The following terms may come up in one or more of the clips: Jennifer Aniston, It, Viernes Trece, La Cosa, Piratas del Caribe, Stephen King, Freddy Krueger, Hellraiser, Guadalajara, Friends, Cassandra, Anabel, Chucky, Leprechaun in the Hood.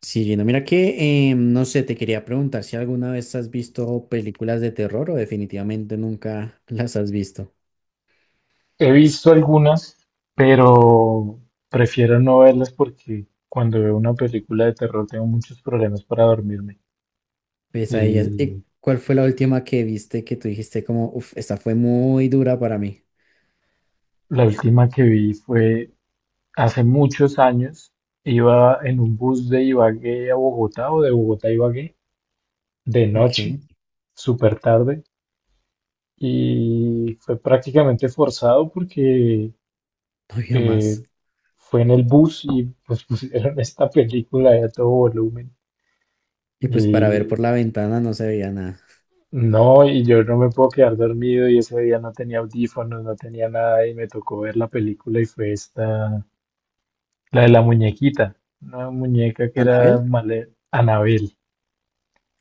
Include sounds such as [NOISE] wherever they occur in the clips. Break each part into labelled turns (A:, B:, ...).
A: Sí, Gino, mira que, no sé, te quería preguntar si alguna vez has visto películas de terror o definitivamente nunca las has visto.
B: He visto algunas, pero prefiero no verlas porque cuando veo una película de terror tengo muchos problemas para dormirme.
A: Pues a ellas,
B: Y
A: ¿cuál fue la última que viste que tú dijiste como, uff, esta fue muy dura para mí?
B: la última que vi fue hace muchos años. Iba en un bus de Ibagué a Bogotá o de Bogotá a Ibagué de
A: Ok, no
B: noche, súper tarde, y fue prácticamente forzado porque
A: había más.
B: eh, fue en el bus y pues [LAUGHS] pusieron esta película de a todo volumen.
A: Y pues para ver
B: Y
A: por la ventana no se veía nada.
B: No, y yo no me puedo quedar dormido y ese día no tenía audífonos, no tenía nada y me tocó ver la película y fue esta, la de la muñequita, una muñeca que
A: ¿Anabel?
B: era Anabel.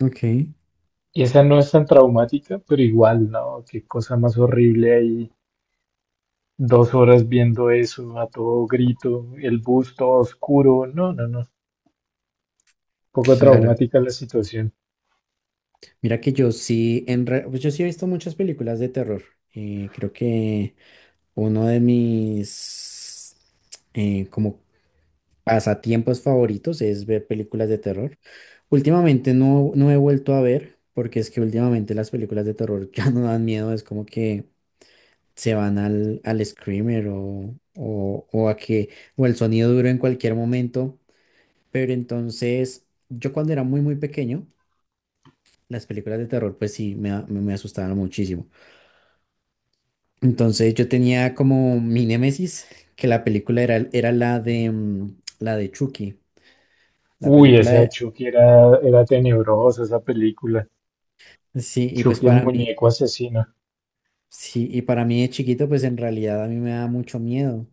A: Ok,
B: Y esa no es tan traumática, pero igual, ¿no? Qué cosa más horrible ahí, 2 horas viendo eso a todo grito, el bus todo oscuro, no, no, no, poco
A: claro.
B: traumática la situación.
A: Mira que yo sí, pues yo sí he visto muchas películas de terror. Creo que uno de mis como pasatiempos favoritos es ver películas de terror. Últimamente no he vuelto a ver, porque es que últimamente las películas de terror [LAUGHS] ya no dan miedo, es como que se van al screamer o a que, o el sonido duro en cualquier momento. Pero entonces, yo cuando era muy, muy pequeño, las películas de terror, pues sí, me, a- me me asustaban muchísimo. Entonces yo tenía como mi némesis, que la película era la de, la de Chucky, la
B: Uy,
A: película
B: esa de
A: de...
B: Chucky era tenebrosa, esa película,
A: Sí, y pues
B: Chucky el
A: para mí.
B: muñeco asesino.
A: Sí, y para mí de chiquito, pues en realidad a mí me da mucho miedo.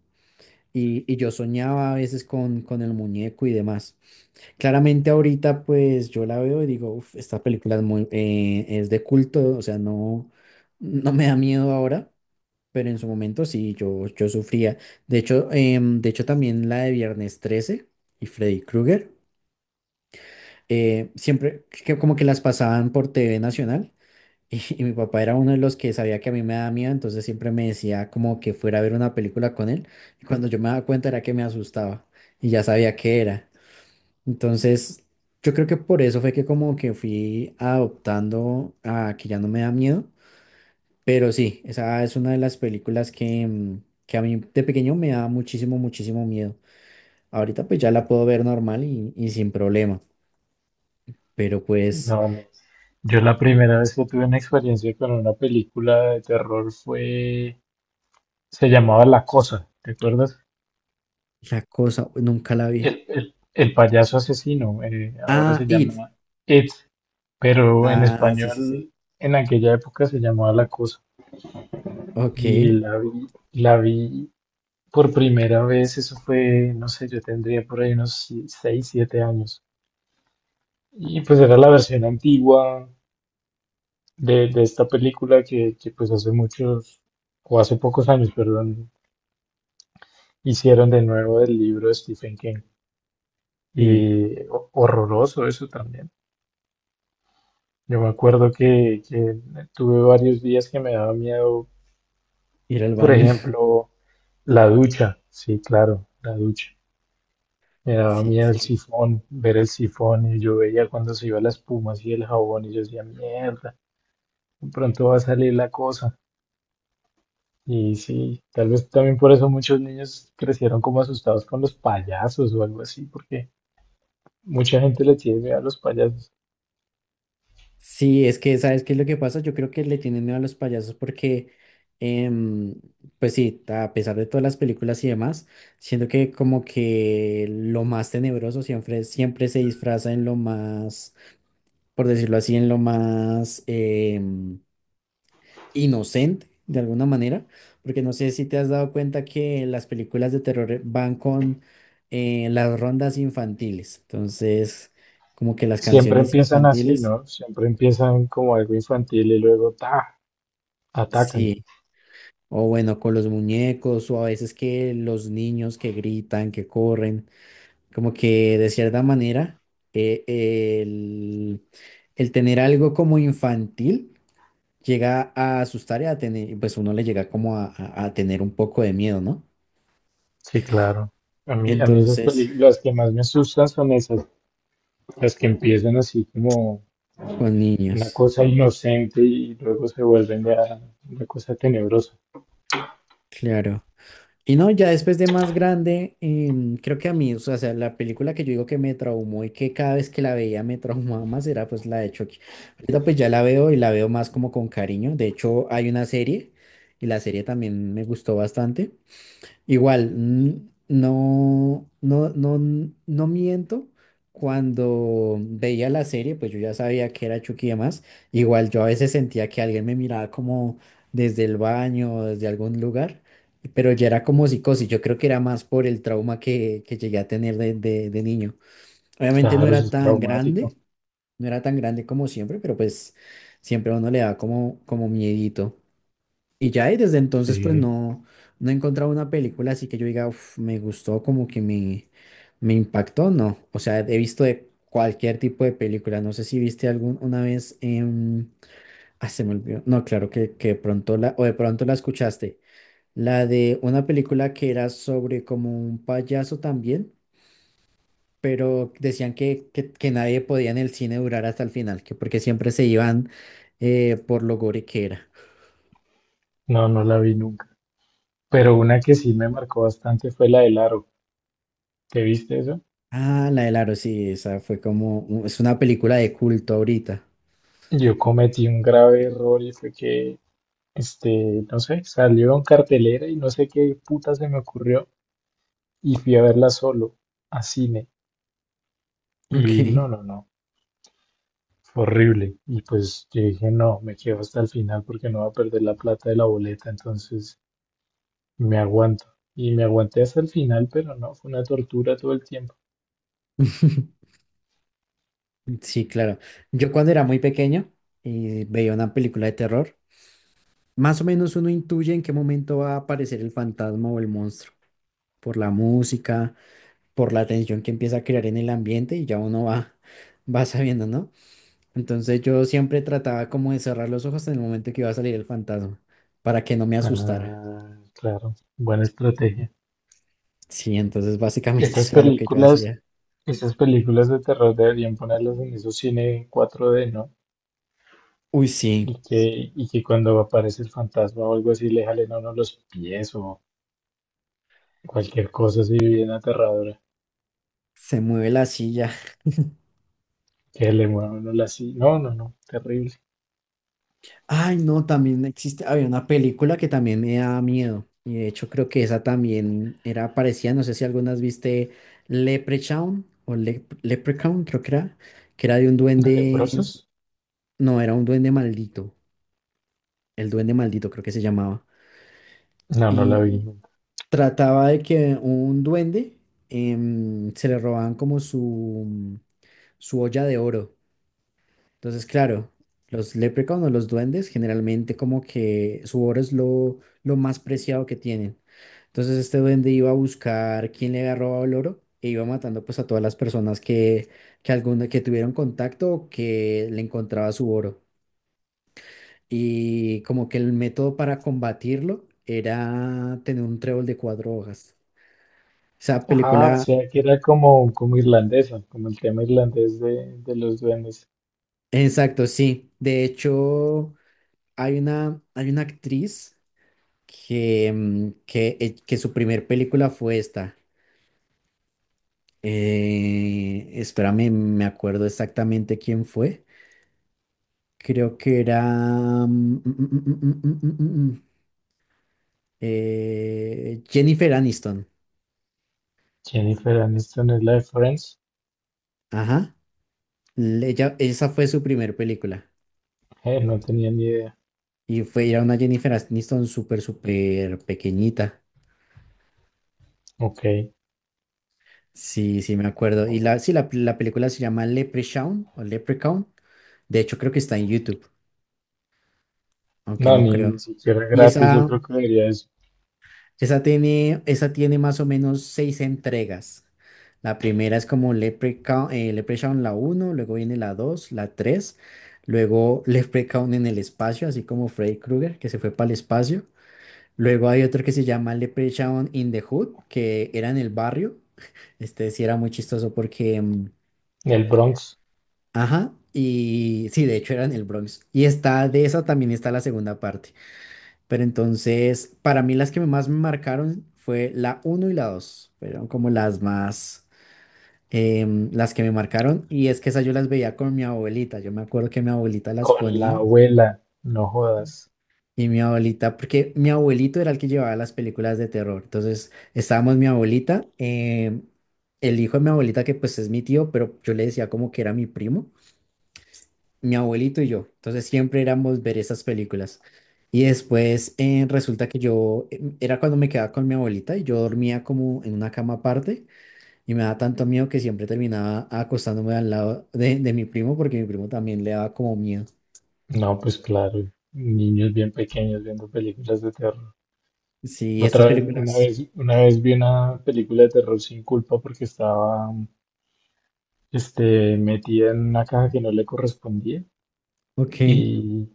A: Y yo soñaba a veces con el muñeco y demás. Claramente ahorita, pues yo la veo y digo, "Uf, esta película es muy, es de culto, o sea, no, no me da miedo ahora, pero en su momento sí, yo sufría. De hecho, de hecho también la de Viernes Trece y Freddy Krueger, siempre que como que las pasaban por TV Nacional. Y mi papá era uno de los que sabía que a mí me daba miedo, entonces siempre me decía como que fuera a ver una película con él. Y cuando yo me daba cuenta era que me asustaba y ya sabía qué era. Entonces, yo creo que por eso fue que como que fui adoptando a que ya no me da miedo. Pero sí, esa es una de las películas que, que a mí de pequeño me daba muchísimo, muchísimo miedo. Ahorita pues ya la puedo ver normal y sin problema. Pero pues
B: No, yo la primera vez que tuve una experiencia con una película de terror se llamaba La Cosa, ¿te acuerdas?
A: la cosa, nunca la vi.
B: El payaso asesino, ahora
A: Ah,
B: se
A: It.
B: llama It, pero en
A: Ah, sí, sí, sí.
B: español en aquella época se llamaba La Cosa.
A: Ok,
B: Y la vi por primera vez, eso fue, no sé, yo tendría por ahí unos si, 6, 7 años. Y pues era la versión antigua, de esta película pues hace muchos, o hace pocos años, perdón, hicieron de nuevo del libro de Stephen King.
A: sí,
B: Y horroroso eso también. Yo me acuerdo que tuve varios días que me daba miedo,
A: ir al
B: por
A: baño. [LAUGHS]
B: ejemplo, la ducha. Sí, claro, la ducha. Me daba
A: Sí,
B: miedo el
A: sí.
B: sifón, ver el sifón y yo veía cuando se iba la espuma así el jabón y yo decía, mierda, de pronto va a salir la cosa. Y sí, tal vez también por eso muchos niños crecieron como asustados con los payasos o algo así, porque mucha gente le tiene miedo a los payasos.
A: Sí, es que, ¿sabes qué es lo que pasa? Yo creo que le tienen miedo a los payasos porque, em, pues sí, a pesar de todas las películas y demás, siento que como que lo más tenebroso siempre, siempre se disfraza en lo más, por decirlo así, en lo más, inocente de alguna manera, porque no sé si te has dado cuenta que las películas de terror van con las rondas infantiles, entonces como que las
B: Siempre
A: canciones
B: empiezan así,
A: infantiles,
B: ¿no? Siempre empiezan como algo infantil y luego ta, atacan.
A: sí, o bueno, con los muñecos o a veces que los niños que gritan, que corren, como que de cierta manera eh, el, el tener algo como infantil llega a asustar y a tener, pues uno le llega como a tener un poco de miedo, ¿no?
B: Sí, claro. A mí esas
A: Entonces,
B: películas, las que más me asustan son esas, las que empiezan así como
A: con
B: una
A: niños,
B: cosa inocente y luego se vuelven ya una cosa tenebrosa.
A: claro. Y no, ya después de más grande, creo que a mí, la película que yo digo que me traumó y que cada vez que la veía me [LAUGHS] traumaba más era pues la de Chucky. Ahorita pues ya la veo y la veo más como con cariño. De hecho, hay una serie y la serie también me gustó bastante. Igual, no miento. Cuando veía la serie, pues yo ya sabía que era Chucky y demás. Igual yo a veces sentía que alguien me miraba como desde el baño o desde algún lugar, pero ya era como psicosis. Yo creo que era más por el trauma que llegué a tener de niño. Obviamente no
B: Claro, eso
A: era
B: es
A: tan
B: traumático.
A: grande, no era tan grande como siempre, pero pues siempre a uno le da como miedito. Y desde entonces, pues
B: Sí,
A: no, no he encontrado una película así que yo diga, "Uf, me gustó, como que me impactó, no. O sea, he visto de cualquier tipo de película. No sé si viste alguna vez, ah, se me olvidó. No, claro que de pronto la, o de pronto la escuchaste. La de una película que era sobre como un payaso también, pero decían que nadie podía en el cine durar hasta el final, que porque siempre se iban por lo gore que era.
B: no, no la vi nunca. Pero una que sí me marcó bastante fue la del aro. ¿Te viste eso?
A: Ah, la del aro, sí, esa fue como, es una película de culto ahorita.
B: Yo cometí un grave error y fue que, no sé, salió en cartelera y no sé qué puta se me ocurrió y fui a verla solo a cine. Y
A: Ok.
B: no, no, no, fue horrible. Y pues yo dije, no, me quedo hasta el final porque no va a perder la plata de la boleta, entonces me aguanto. Y me aguanté hasta el final, pero no, fue una tortura todo el tiempo.
A: [LAUGHS] Sí, claro. Yo cuando era muy pequeño y veía una película de terror, más o menos uno intuye en qué momento va a aparecer el fantasma o el monstruo, por la música, por la tensión que empieza a crear en el ambiente y ya uno va, [LAUGHS] va sabiendo, ¿no? Entonces yo siempre trataba como de cerrar los ojos en el momento que iba a salir el fantasma, para que no me asustara.
B: Ah, claro, buena estrategia.
A: Sí, entonces básicamente [LAUGHS]
B: Estas
A: eso era lo que yo
B: películas
A: hacía.
B: Esas películas de terror deberían ponerlas en esos cine 4D, ¿no?
A: Uy, sí.
B: Y que cuando aparece el fantasma o algo así le jalen a uno los pies o cualquier cosa así bien aterradora.
A: Se mueve la silla. [LAUGHS]
B: Que le muevan a uno la silla. No, no, no, terrible.
A: Ay, no, también existe, había una película que también me daba miedo. Y de hecho creo que esa también era parecida, no sé si algunas viste Leprechaun Leprechaun, creo que era de un
B: ¿De
A: duende,
B: leprosos?
A: no, era un duende maldito, el duende maldito creo que se llamaba.
B: No, no la vi
A: Y
B: nunca.
A: trataba de que un duende se le robaban como su olla de oro. Entonces, claro, los leprechauns o los duendes generalmente como que su oro es lo más preciado que tienen. Entonces este duende iba a buscar quién le había robado el oro e iba matando pues a todas las personas que tuvieron contacto o que le encontraba su oro. Y como que el método para combatirlo era tener un trébol de cuatro hojas. Esa
B: Ah, o
A: película,
B: sea que era como, como irlandesa, como el tema irlandés de los duendes.
A: exacto, sí. De hecho, hay una actriz que su primer película fue esta. Espérame, me acuerdo exactamente quién fue. Creo que era mm, mm, mm, mm, mm, mm, mm, mm, mm, mm. Jennifer Aniston.
B: Jennifer Aniston es la de Friends.
A: Ajá. Ella, esa fue su primer película.
B: No tenía ni idea.
A: Y fue, era una Jennifer Aniston súper, súper pequeñita.
B: Ok.
A: Sí, sí, me acuerdo. La película se llama Leprechaun o Leprechaun. De hecho, creo que está en YouTube, aunque
B: No,
A: no
B: ni
A: creo.
B: siquiera
A: Y
B: gratis, yo
A: esa,
B: creo que debería eso.
A: Esa tiene más o menos seis entregas. La primera es como Leprechaun, Leprechaun la uno, luego viene la dos, la tres, luego Leprechaun en el espacio, así como Freddy Krueger, que se fue para el espacio. Luego hay otro que se llama Leprechaun in the Hood, que era en el barrio. Este sí era muy chistoso porque,
B: El Bronx.
A: ajá, y sí, de hecho era en el Bronx. Y está, de esa también está la segunda parte. Pero entonces, para mí las que más me marcaron fue la uno y la dos. Fueron como las más, las que me marcaron. Y es que esas yo las veía con mi abuelita. Yo me acuerdo que mi abuelita las
B: Con la
A: ponía.
B: abuela, no jodas.
A: Y mi abuelita, porque mi abuelito era el que llevaba las películas de terror. Entonces, estábamos mi abuelita, el hijo de mi abuelita, que pues es mi tío, pero yo le decía como que era mi primo, mi abuelito y yo. Entonces siempre éramos ver esas películas. Y después resulta que yo, era cuando me quedaba con mi abuelita y yo dormía como en una cama aparte y me daba tanto miedo que siempre terminaba acostándome al lado de mi primo porque mi primo también le daba como miedo.
B: No, pues claro, niños bien pequeños viendo películas de terror.
A: Sí, estas
B: Otra vez, una
A: películas.
B: vez, una vez vi una película de terror sin culpa porque estaba, metida en una caja que no le correspondía
A: Ok,
B: y,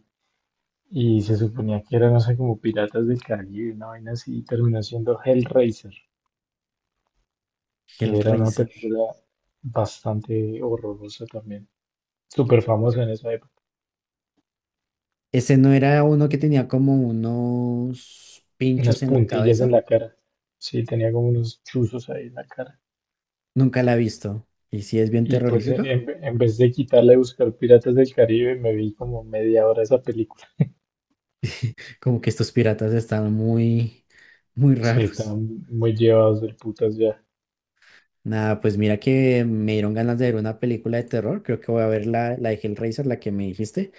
B: y se suponía que era, no sé, como Piratas del Caribe, una vaina así, y terminó siendo Hellraiser, que era una
A: Hellraiser.
B: película bastante horrorosa también, súper famosa en esa época.
A: Ese no era uno que tenía como unos
B: Unas
A: pinchos en la
B: puntillas en
A: cabeza.
B: la cara. Sí, tenía como unos chuzos ahí en la cara.
A: Nunca la he visto. Y sí es bien
B: Y pues en,
A: terrorífica.
B: en vez de quitarla y buscar Piratas del Caribe, me vi como media hora esa película.
A: Como que estos piratas están muy, muy
B: Sí,
A: raros.
B: estaban muy llevados del putas ya.
A: Nada, pues mira que me dieron ganas de ver una película de terror. Creo que voy a ver la de Hellraiser, la que me dijiste,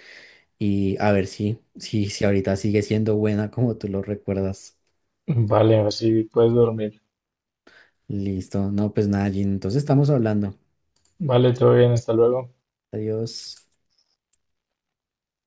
A: y a ver si ahorita sigue siendo buena como tú lo recuerdas.
B: Vale, así puedes dormir.
A: Listo. No, pues nada, Jin. Entonces estamos hablando.
B: Vale, todo bien, hasta luego.
A: Adiós.